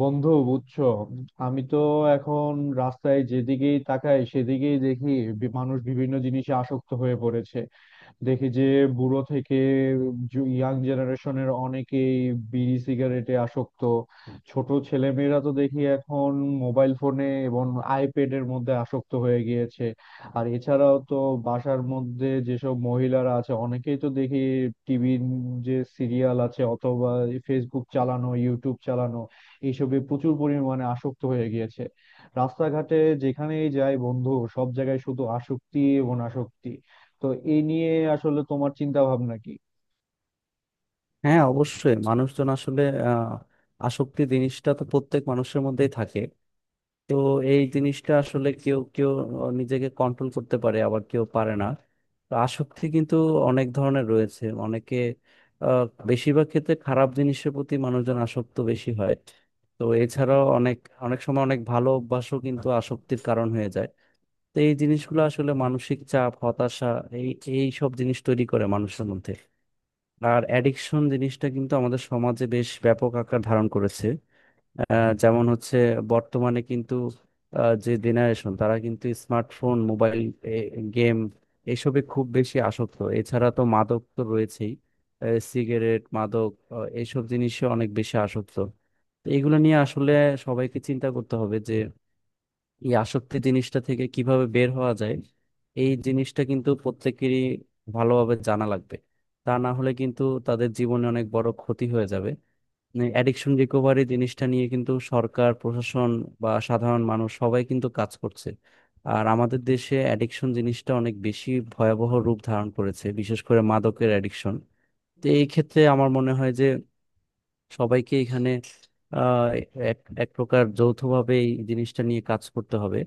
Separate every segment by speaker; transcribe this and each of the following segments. Speaker 1: বন্ধু, বুঝছো আমি তো এখন রাস্তায় যেদিকেই তাকাই সেদিকেই দেখি মানুষ বিভিন্ন জিনিসে আসক্ত হয়ে পড়েছে। দেখি যে বুড়ো থেকে ইয়াং জেনারেশনের অনেকেই বিড়ি সিগারেটে আসক্ত। ছোট ছেলেমেয়েরা তো দেখি এখন মোবাইল ফোনে এবং আইপ্যাডের মধ্যে আসক্ত হয়ে গিয়েছে। আর এছাড়াও তো বাসার মধ্যে যেসব মহিলারা আছে অনেকেই তো দেখি টিভির যে সিরিয়াল আছে, অথবা ফেসবুক চালানো, ইউটিউব চালানো, এইসবে প্রচুর পরিমাণে আসক্ত হয়ে গিয়েছে। রাস্তাঘাটে যেখানেই যাই বন্ধু, সব জায়গায় শুধু আসক্তি এবং আসক্তি। তো এই নিয়ে আসলে তোমার চিন্তা ভাবনা কি?
Speaker 2: হ্যাঁ, অবশ্যই। মানুষজন আসলে আহ আসক্তি জিনিসটা তো প্রত্যেক মানুষের মধ্যেই থাকে। তো এই জিনিসটা আসলে কেউ কেউ নিজেকে কন্ট্রোল করতে পারে, আবার কেউ পারে না। তো আসক্তি কিন্তু অনেক ধরনের রয়েছে। অনেকে আহ, বেশিরভাগ ক্ষেত্রে খারাপ জিনিসের প্রতি মানুষজন আসক্ত বেশি হয়। তো এছাড়াও অনেক অনেক সময় অনেক ভালো অভ্যাসও কিন্তু আসক্তির কারণ হয়ে যায়। তো এই জিনিসগুলো আসলে মানসিক চাপ, হতাশা, এই এই সব জিনিস তৈরি করে মানুষের মধ্যে। আর অ্যাডিকশন জিনিসটা কিন্তু আমাদের সমাজে বেশ ব্যাপক আকার ধারণ করেছে। যেমন হচ্ছে বর্তমানে কিন্তু যে জেনারেশন, তারা কিন্তু স্মার্টফোন, মোবাইল, গেম এসবে খুব বেশি আসক্ত। এছাড়া তো মাদক তো রয়েছেই। সিগারেট, মাদক, এইসব জিনিসে অনেক বেশি আসক্ত। তো এগুলো নিয়ে আসলে সবাইকে চিন্তা করতে হবে যে এই আসক্তি জিনিসটা থেকে কিভাবে বের হওয়া যায়। এই জিনিসটা কিন্তু প্রত্যেকেরই ভালোভাবে জানা লাগবে। তা না হলে কিন্তু তাদের জীবনে অনেক বড় ক্ষতি হয়ে যাবে। অ্যাডিকশন রিকভারি জিনিসটা নিয়ে কিন্তু সরকার, প্রশাসন বা সাধারণ মানুষ সবাই কিন্তু কাজ করছে। আর আমাদের দেশে অ্যাডিকশন জিনিসটা অনেক বেশি ভয়াবহ রূপ ধারণ করেছে, বিশেষ করে মাদকের অ্যাডিকশন। তো এই ক্ষেত্রে আমার মনে হয় যে সবাইকে এখানে আহ এক এক প্রকার যৌথভাবে এই জিনিসটা নিয়ে কাজ করতে হবে।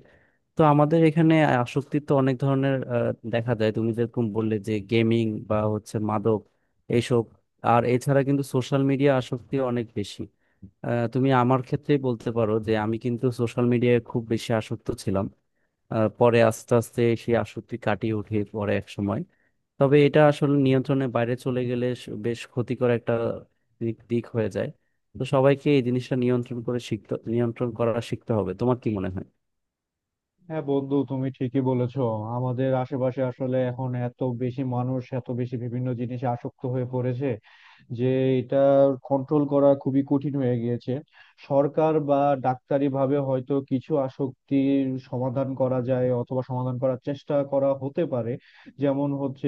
Speaker 2: তো আমাদের এখানে আসক্তি তো অনেক ধরনের দেখা যায়। তুমি যেরকম বললে যে গেমিং বা হচ্ছে মাদক, এইসব। আর এছাড়া কিন্তু সোশ্যাল মিডিয়া আসক্তি অনেক বেশি। তুমি আমার ক্ষেত্রেই বলতে পারো যে আমি কিন্তু সোশ্যাল মিডিয়ায় খুব বেশি আসক্ত ছিলাম। পরে আস্তে আস্তে সেই আসক্তি কাটিয়ে উঠে পরে এক সময়। তবে এটা আসলে নিয়ন্ত্রণের বাইরে চলে গেলে বেশ ক্ষতিকর একটা দিক দিক হয়ে যায়। তো সবাইকে এই জিনিসটা নিয়ন্ত্রণ করা শিখতে হবে। তোমার কি মনে হয়?
Speaker 1: হ্যাঁ বন্ধু, তুমি ঠিকই বলেছো। আমাদের আশেপাশে আসলে এখন এত বেশি মানুষ এত বেশি বিভিন্ন জিনিসে আসক্ত হয়ে পড়েছে যে এটা কন্ট্রোল করা খুবই কঠিন হয়ে গিয়েছে। সরকার বা ডাক্তারি ভাবে হয়তো কিছু আসক্তির সমাধান করা যায়, অথবা সমাধান করার চেষ্টা করা হতে পারে। যেমন হচ্ছে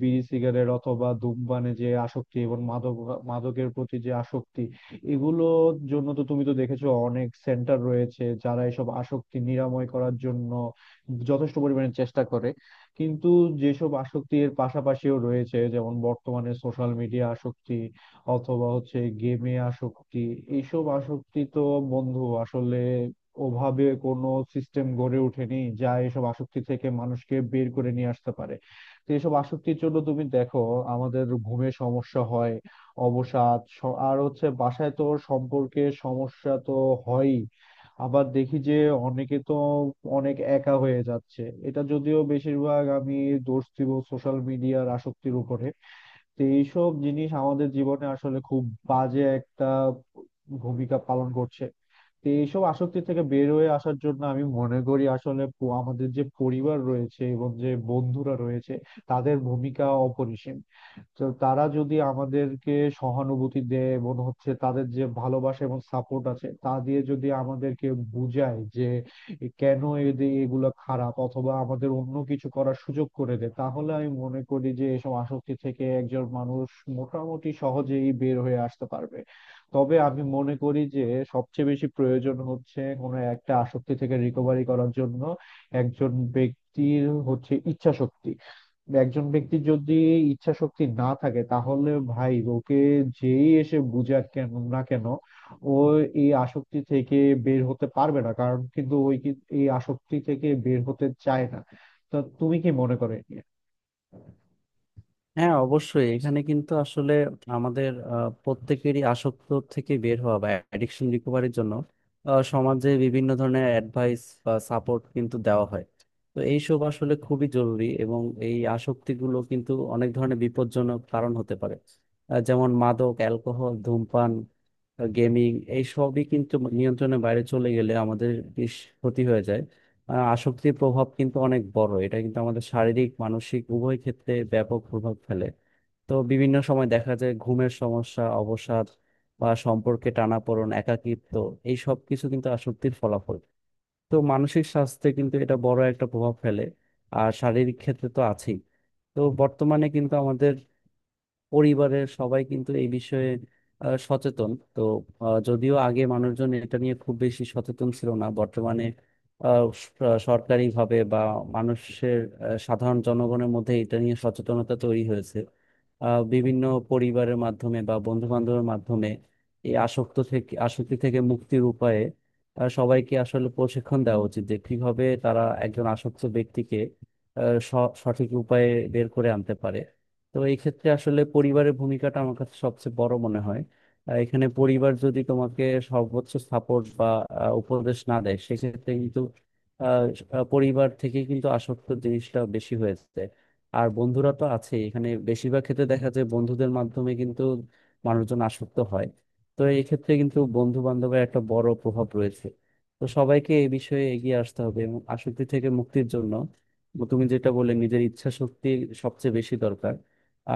Speaker 1: বিড়ি সিগারেট অথবা ধূমপানে যে আসক্তি, এবং মাদক, মাদকের প্রতি যে আসক্তি, এগুলোর জন্য তো তুমি তো দেখেছো অনেক সেন্টার রয়েছে যারা এসব আসক্তি নিরাময় করার জন্য যথেষ্ট পরিমাণে চেষ্টা করে। কিন্তু যেসব আসক্তির পাশাপাশিও রয়েছে, যেমন বর্তমানে সোশ্যাল মিডিয়া আসক্তি অথবা হচ্ছে গেমে আসক্তি, এইসব আসক্তি তো বন্ধু আসলে ওভাবে কোনো সিস্টেম গড়ে ওঠেনি যা এসব আসক্তি থেকে মানুষকে বের করে নিয়ে আসতে পারে। তো এসব আসক্তির জন্য তুমি দেখো আমাদের ঘুমে সমস্যা হয়, অবসাদ আর হচ্ছে বাসায় তো সম্পর্কে সমস্যা তো হয়ই। আবার দেখি যে অনেকে তো অনেক একা হয়ে যাচ্ছে। এটা যদিও বেশিরভাগ আমি দোষ দিব সোশ্যাল মিডিয়ার আসক্তির উপরে। তো এইসব জিনিস আমাদের জীবনে আসলে খুব বাজে একটা ভূমিকা পালন করছে। তো এইসব আসক্তি থেকে বের হয়ে আসার জন্য আমি মনে করি আসলে আমাদের যে পরিবার রয়েছে এবং যে বন্ধুরা রয়েছে তাদের ভূমিকা অপরিসীম। তো তারা যদি আমাদেরকে সহানুভূতি দেয় এবং হচ্ছে তাদের যে ভালোবাসা এবং সাপোর্ট আছে তা দিয়ে যদি আমাদেরকে বুঝায় যে কেন এদের এগুলো খারাপ, অথবা আমাদের অন্য কিছু করার সুযোগ করে দেয়, তাহলে আমি মনে করি যে এসব আসক্তি থেকে একজন মানুষ মোটামুটি সহজেই বের হয়ে আসতে পারবে। তবে আমি মনে করি যে সবচেয়ে বেশি প্রয়োজন হচ্ছে কোনো একটা আসক্তি থেকে রিকভারি করার জন্য একজন ব্যক্তির হচ্ছে ইচ্ছা শক্তি। একজন ব্যক্তির যদি ইচ্ছা শক্তি না থাকে তাহলে ভাই ওকে যেই এসে বুঝাক কেন না কেন, ও এই আসক্তি থেকে বের হতে পারবে না, কারণ কিন্তু ওই এই আসক্তি থেকে বের হতে চায় না। তা তুমি কি মনে করে?
Speaker 2: হ্যাঁ, অবশ্যই। এখানে কিন্তু আসলে আমাদের প্রত্যেকেরই আসক্ত থেকে বের হওয়া বা অ্যাডিকশন রিকভারির জন্য সমাজে বিভিন্ন ধরনের অ্যাডভাইস বা সাপোর্ট কিন্তু দেওয়া হয়। তো এইসব আসলে খুবই জরুরি, এবং এই আসক্তিগুলো কিন্তু অনেক ধরনের বিপজ্জনক কারণ হতে পারে। যেমন মাদক, অ্যালকোহল, ধূমপান, গেমিং, এই সবই কিন্তু নিয়ন্ত্রণের বাইরে চলে গেলে আমাদের বেশ ক্ষতি হয়ে যায়। আসক্তির প্রভাব কিন্তু অনেক বড়। এটা কিন্তু আমাদের শারীরিক, মানসিক উভয় ক্ষেত্রে ব্যাপক প্রভাব ফেলে। তো বিভিন্ন সময় দেখা যায় ঘুমের সমস্যা, অবসাদ বা সম্পর্কে টানাপোড়েন, একাকিত্ব, এই সব কিছু কিন্তু আসক্তির ফলাফল। তো মানসিক স্বাস্থ্যে কিন্তু এটা বড় একটা প্রভাব ফেলে। আর শারীরিক ক্ষেত্রে তো আছেই। তো বর্তমানে কিন্তু আমাদের পরিবারের সবাই কিন্তু এই বিষয়ে সচেতন তো। যদিও আগে মানুষজন এটা নিয়ে খুব বেশি সচেতন ছিল না, বর্তমানে সরকারিভাবে বা মানুষের সাধারণ জনগণের মধ্যে এটা নিয়ে সচেতনতা তৈরি হয়েছে। বিভিন্ন পরিবারের মাধ্যমে বা বন্ধু বান্ধবের মাধ্যমে এই আসক্তি থেকে মুক্তির উপায়ে সবাইকে আসলে প্রশিক্ষণ দেওয়া উচিত যে কিভাবে তারা একজন আসক্ত ব্যক্তিকে সঠিক উপায়ে বের করে আনতে পারে। তো এই ক্ষেত্রে আসলে পরিবারের ভূমিকাটা আমার কাছে সবচেয়ে বড় মনে হয়। এখানে পরিবার যদি তোমাকে সর্বোচ্চ সাপোর্ট বা উপদেশ না দেয়, সেক্ষেত্রে কিন্তু আহ, আহ, পরিবার থেকে কিন্তু আসক্ত জিনিসটা বেশি হয়েছে। আর বন্ধুরা তো আছে। এখানে বেশিরভাগ ক্ষেত্রে দেখা যায় বন্ধুদের মাধ্যমে কিন্তু মানুষজন আসক্ত হয়। তো এই ক্ষেত্রে কিন্তু বন্ধু বান্ধবের একটা বড় প্রভাব রয়েছে। তো সবাইকে এই বিষয়ে এগিয়ে আসতে হবে এবং আসক্তি থেকে মুক্তির জন্য তুমি যেটা বললে, নিজের ইচ্ছা শক্তি সবচেয়ে বেশি দরকার।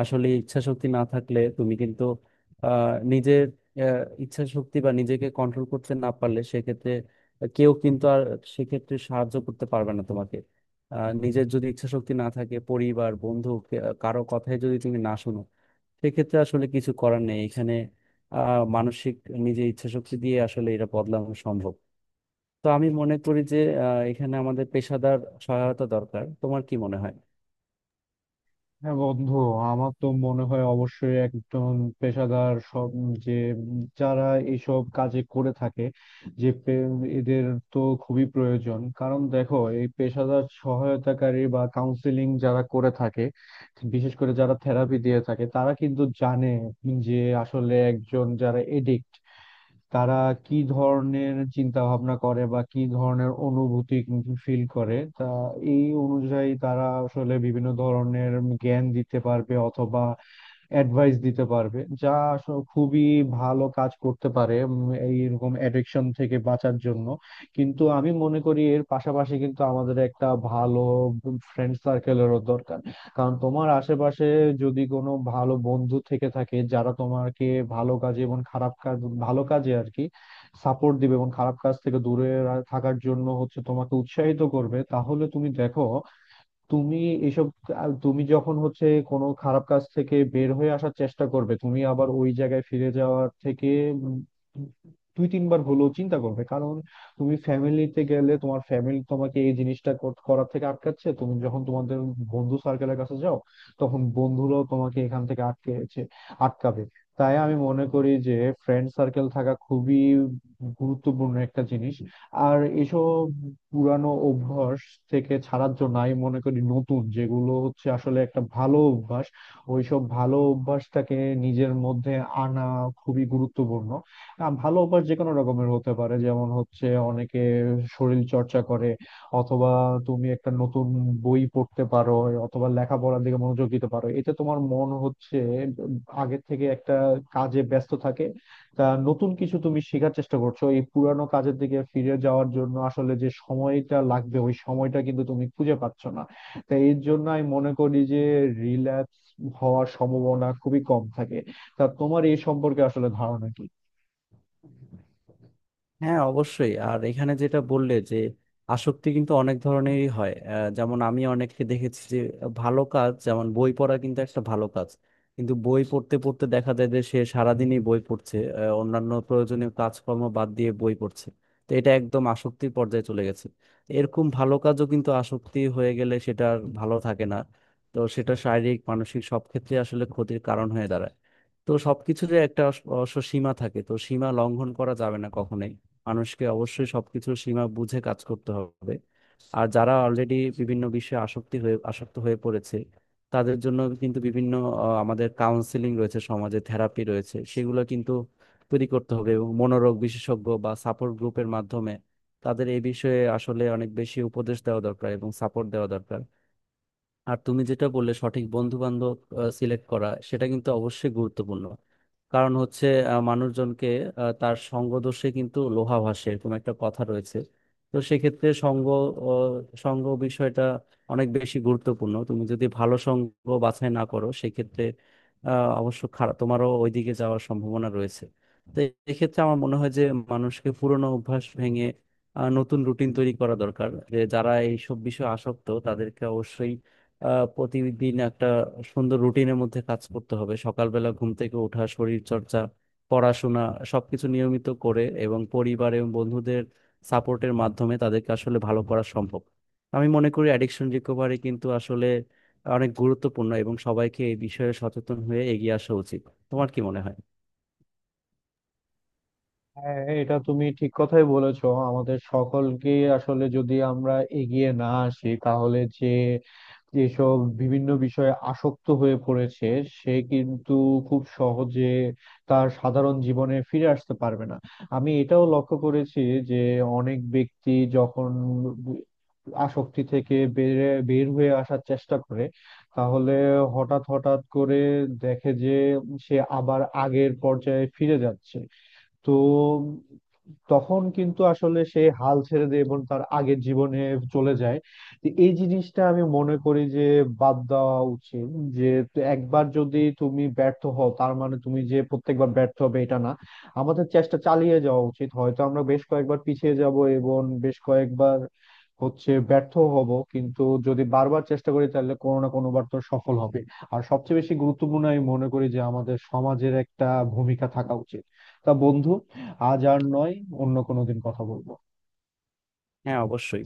Speaker 2: আসলে ইচ্ছা শক্তি না থাকলে তুমি কিন্তু নিজের ইচ্ছা শক্তি বা নিজেকে কন্ট্রোল করতে না পারলে সেক্ষেত্রে কেউ কিন্তু আর সেক্ষেত্রে সাহায্য করতে পারবে না তোমাকে। নিজের যদি ইচ্ছা শক্তি না থাকে, পরিবার, বন্ধু কারো কথায় যদি তুমি না শুনো, সেক্ষেত্রে আসলে কিছু করার নেই এখানে। আহ মানসিক নিজের ইচ্ছা শক্তি দিয়ে আসলে এটা বদলানো সম্ভব। তো আমি মনে করি যে এখানে আমাদের পেশাদার সহায়তা দরকার। তোমার কি মনে হয়?
Speaker 1: হ্যাঁ বন্ধু, আমার তো মনে হয় অবশ্যই একজন পেশাদার সব যে যারা এইসব কাজে করে থাকে, যে এদের তো খুবই প্রয়োজন, কারণ দেখো এই পেশাদার সহায়তাকারী বা কাউন্সিলিং যারা করে থাকে, বিশেষ করে যারা থেরাপি দিয়ে থাকে, তারা কিন্তু জানে যে আসলে একজন যারা এডিক্ট, তারা কি ধরনের চিন্তা ভাবনা করে বা কি ধরনের অনুভূতি ফিল করে, তা এই অনুযায়ী তারা আসলে বিভিন্ন ধরনের জ্ঞান দিতে পারবে অথবা অ্যাডভাইস দিতে পারবে, যা আসলে খুবই ভালো কাজ করতে পারে এই এরকম অ্যাডিকশন থেকে বাঁচার জন্য। কিন্তু আমি মনে করি এর পাশাপাশি কিন্তু আমাদের একটা ভালো ফ্রেন্ড সার্কেলেরও দরকার। কারণ তোমার আশেপাশে যদি কোনো ভালো বন্ধু থেকে থাকে যারা তোমাকে ভালো কাজে এবং খারাপ কাজ, ভালো কাজে আর কি সাপোর্ট দিবে এবং খারাপ কাজ থেকে দূরে থাকার জন্য হচ্ছে তোমাকে উৎসাহিত করবে, তাহলে তুমি দেখো, তুমি এসব, আর তুমি যখন হচ্ছে কোনো খারাপ কাজ থেকে বের হয়ে আসার চেষ্টা করবে তুমি আবার ওই জায়গায় ফিরে যাওয়ার থেকে উম দুই তিনবার হলেও চিন্তা করবে। কারণ তুমি ফ্যামিলিতে গেলে তোমার ফ্যামিলি তোমাকে এই জিনিসটা করার থেকে আটকাচ্ছে, তুমি যখন তোমাদের বন্ধু সার্কেলের কাছে যাও, তখন বন্ধুরাও তোমাকে এখান থেকে আটকাবে। তাই আমি মনে করি যে ফ্রেন্ড সার্কেল থাকা খুবই গুরুত্বপূর্ণ একটা জিনিস। আর এসব পুরানো অভ্যাস থেকে ছাড়ার জন্য আমি মনে করি নতুন যেগুলো হচ্ছে আসলে একটা ভালো অভ্যাস, ওইসব ভালো অভ্যাসটাকে নিজের মধ্যে আনা খুবই গুরুত্বপূর্ণ। ভালো অভ্যাস যে কোনো রকমের হতে পারে, যেমন হচ্ছে অনেকে শরীর চর্চা করে, অথবা তুমি একটা নতুন বই পড়তে পারো, অথবা লেখাপড়ার দিকে মনোযোগ দিতে পারো, এতে তোমার মন হচ্ছে আগের থেকে একটা কাজে ব্যস্ত থাকে। তা নতুন কিছু তুমি শেখার চেষ্টা করছো, এই পুরানো কাজের দিকে ফিরে যাওয়ার জন্য আসলে যে সময়টা লাগবে ওই সময়টা কিন্তু তুমি খুঁজে পাচ্ছ না। তাই এর জন্য আমি মনে করি যে রিল্যাপস হওয়ার সম্ভাবনা খুবই কম থাকে। তা তোমার এই সম্পর্কে আসলে ধারণা কি?
Speaker 2: হ্যাঁ, অবশ্যই। আর এখানে যেটা বললে যে আসক্তি কিন্তু অনেক ধরনেরই হয়। যেমন আমি অনেককে দেখেছি যে ভালো কাজ যেমন বই পড়া কিন্তু একটা ভালো কাজ। কিন্তু বই পড়তে পড়তে দেখা যায় যে সে সারাদিনই বই পড়ছে, অন্যান্য প্রয়োজনীয় কাজকর্ম বাদ দিয়ে বই পড়ছে। তো এটা একদম আসক্তির পর্যায়ে চলে গেছে। এরকম ভালো কাজও কিন্তু আসক্তি হয়ে গেলে সেটা আর ভালো থাকে না। তো সেটা শারীরিক, মানসিক সব ক্ষেত্রে আসলে ক্ষতির কারণ হয়ে দাঁড়ায়। তো সবকিছুরই একটা অবশ্য সীমা থাকে, তো সীমা লঙ্ঘন করা যাবে না কখনোই। মানুষকে অবশ্যই সবকিছুর সীমা বুঝে কাজ করতে হবে। আর যারা অলরেডি বিভিন্ন বিষয়ে আসক্ত হয়ে পড়েছে, তাদের জন্য কিন্তু বিভিন্ন আমাদের কাউন্সিলিং রয়েছে, সমাজে থেরাপি রয়েছে, সেগুলো কিন্তু তৈরি করতে হবে এবং মনোরোগ বিশেষজ্ঞ বা সাপোর্ট গ্রুপের মাধ্যমে তাদের এই বিষয়ে আসলে অনেক বেশি উপদেশ দেওয়া দরকার এবং সাপোর্ট দেওয়া দরকার। আর তুমি যেটা বললে সঠিক বন্ধু বান্ধব সিলেক্ট করা, সেটা কিন্তু অবশ্যই গুরুত্বপূর্ণ। কারণ হচ্ছে আহ, মানুষজনকে তার সঙ্গ দোষে কিন্তু লোহা ভাসে এরকম একটা কথা রয়েছে। তো সেক্ষেত্রে সঙ্গ বিষয়টা অনেক বেশি গুরুত্বপূর্ণ। তুমি যদি ভালো সঙ্গ বাছাই না করো, সেক্ষেত্রে আহ, অবশ্য খারাপ তোমারও ওইদিকে যাওয়ার সম্ভাবনা রয়েছে। তো এক্ষেত্রে আমার মনে হয় যে মানুষকে পুরনো অভ্যাস ভেঙে নতুন রুটিন তৈরি করা দরকার। যে যারা এইসব বিষয়ে আসক্ত তাদেরকে অবশ্যই প্রতিদিন একটা সুন্দর রুটিনের মধ্যে কাজ করতে হবে। সকালবেলা ঘুম থেকে ওঠা, শরীর চর্চা, পড়াশোনা, সবকিছু নিয়মিত করে এবং পরিবার এবং বন্ধুদের সাপোর্টের মাধ্যমে তাদেরকে আসলে ভালো করা সম্ভব। আমি মনে করি অ্যাডিকশন রিকভারি কিন্তু আসলে অনেক গুরুত্বপূর্ণ এবং সবাইকে এই বিষয়ে সচেতন হয়ে এগিয়ে আসা উচিত। তোমার কি মনে হয়?
Speaker 1: হ্যাঁ, এটা তুমি ঠিক কথাই বলেছো, আমাদের সকলকে আসলে যদি আমরা এগিয়ে না আসি তাহলে যে যেসব বিভিন্ন বিষয়ে আসক্ত হয়ে পড়েছে সে কিন্তু খুব সহজে তার সাধারণ জীবনে ফিরে আসতে পারবে না। আমি এটাও লক্ষ্য করেছি যে অনেক ব্যক্তি যখন আসক্তি থেকে বের হয়ে আসার চেষ্টা করে, তাহলে হঠাৎ হঠাৎ করে দেখে যে সে আবার আগের পর্যায়ে ফিরে যাচ্ছে। তো তখন কিন্তু আসলে সে হাল ছেড়ে দিয়ে এবং তার আগের জীবনে চলে যায়। তো এই জিনিসটা আমি মনে করি যে বাদ দেওয়া উচিত যে, তো একবার যদি তুমি ব্যর্থ হও তার মানে তুমি যে প্রত্যেকবার ব্যর্থ হবে এটা না। আমাদের চেষ্টা চালিয়ে যাওয়া উচিত, হয়তো আমরা বেশ কয়েকবার পিছিয়ে যাব এবং বেশ কয়েকবার হচ্ছে ব্যর্থ হব, কিন্তু যদি বারবার চেষ্টা করি তাহলে কোনো না কোনো বার তো সফল হবে। আর সবচেয়ে বেশি গুরুত্বপূর্ণ আমি মনে করি যে আমাদের সমাজের একটা ভূমিকা থাকা উচিত। তা বন্ধু, আজ আর নয়, অন্য কোনো দিন কথা বলবো।
Speaker 2: হ্যাঁ, অবশ্যই।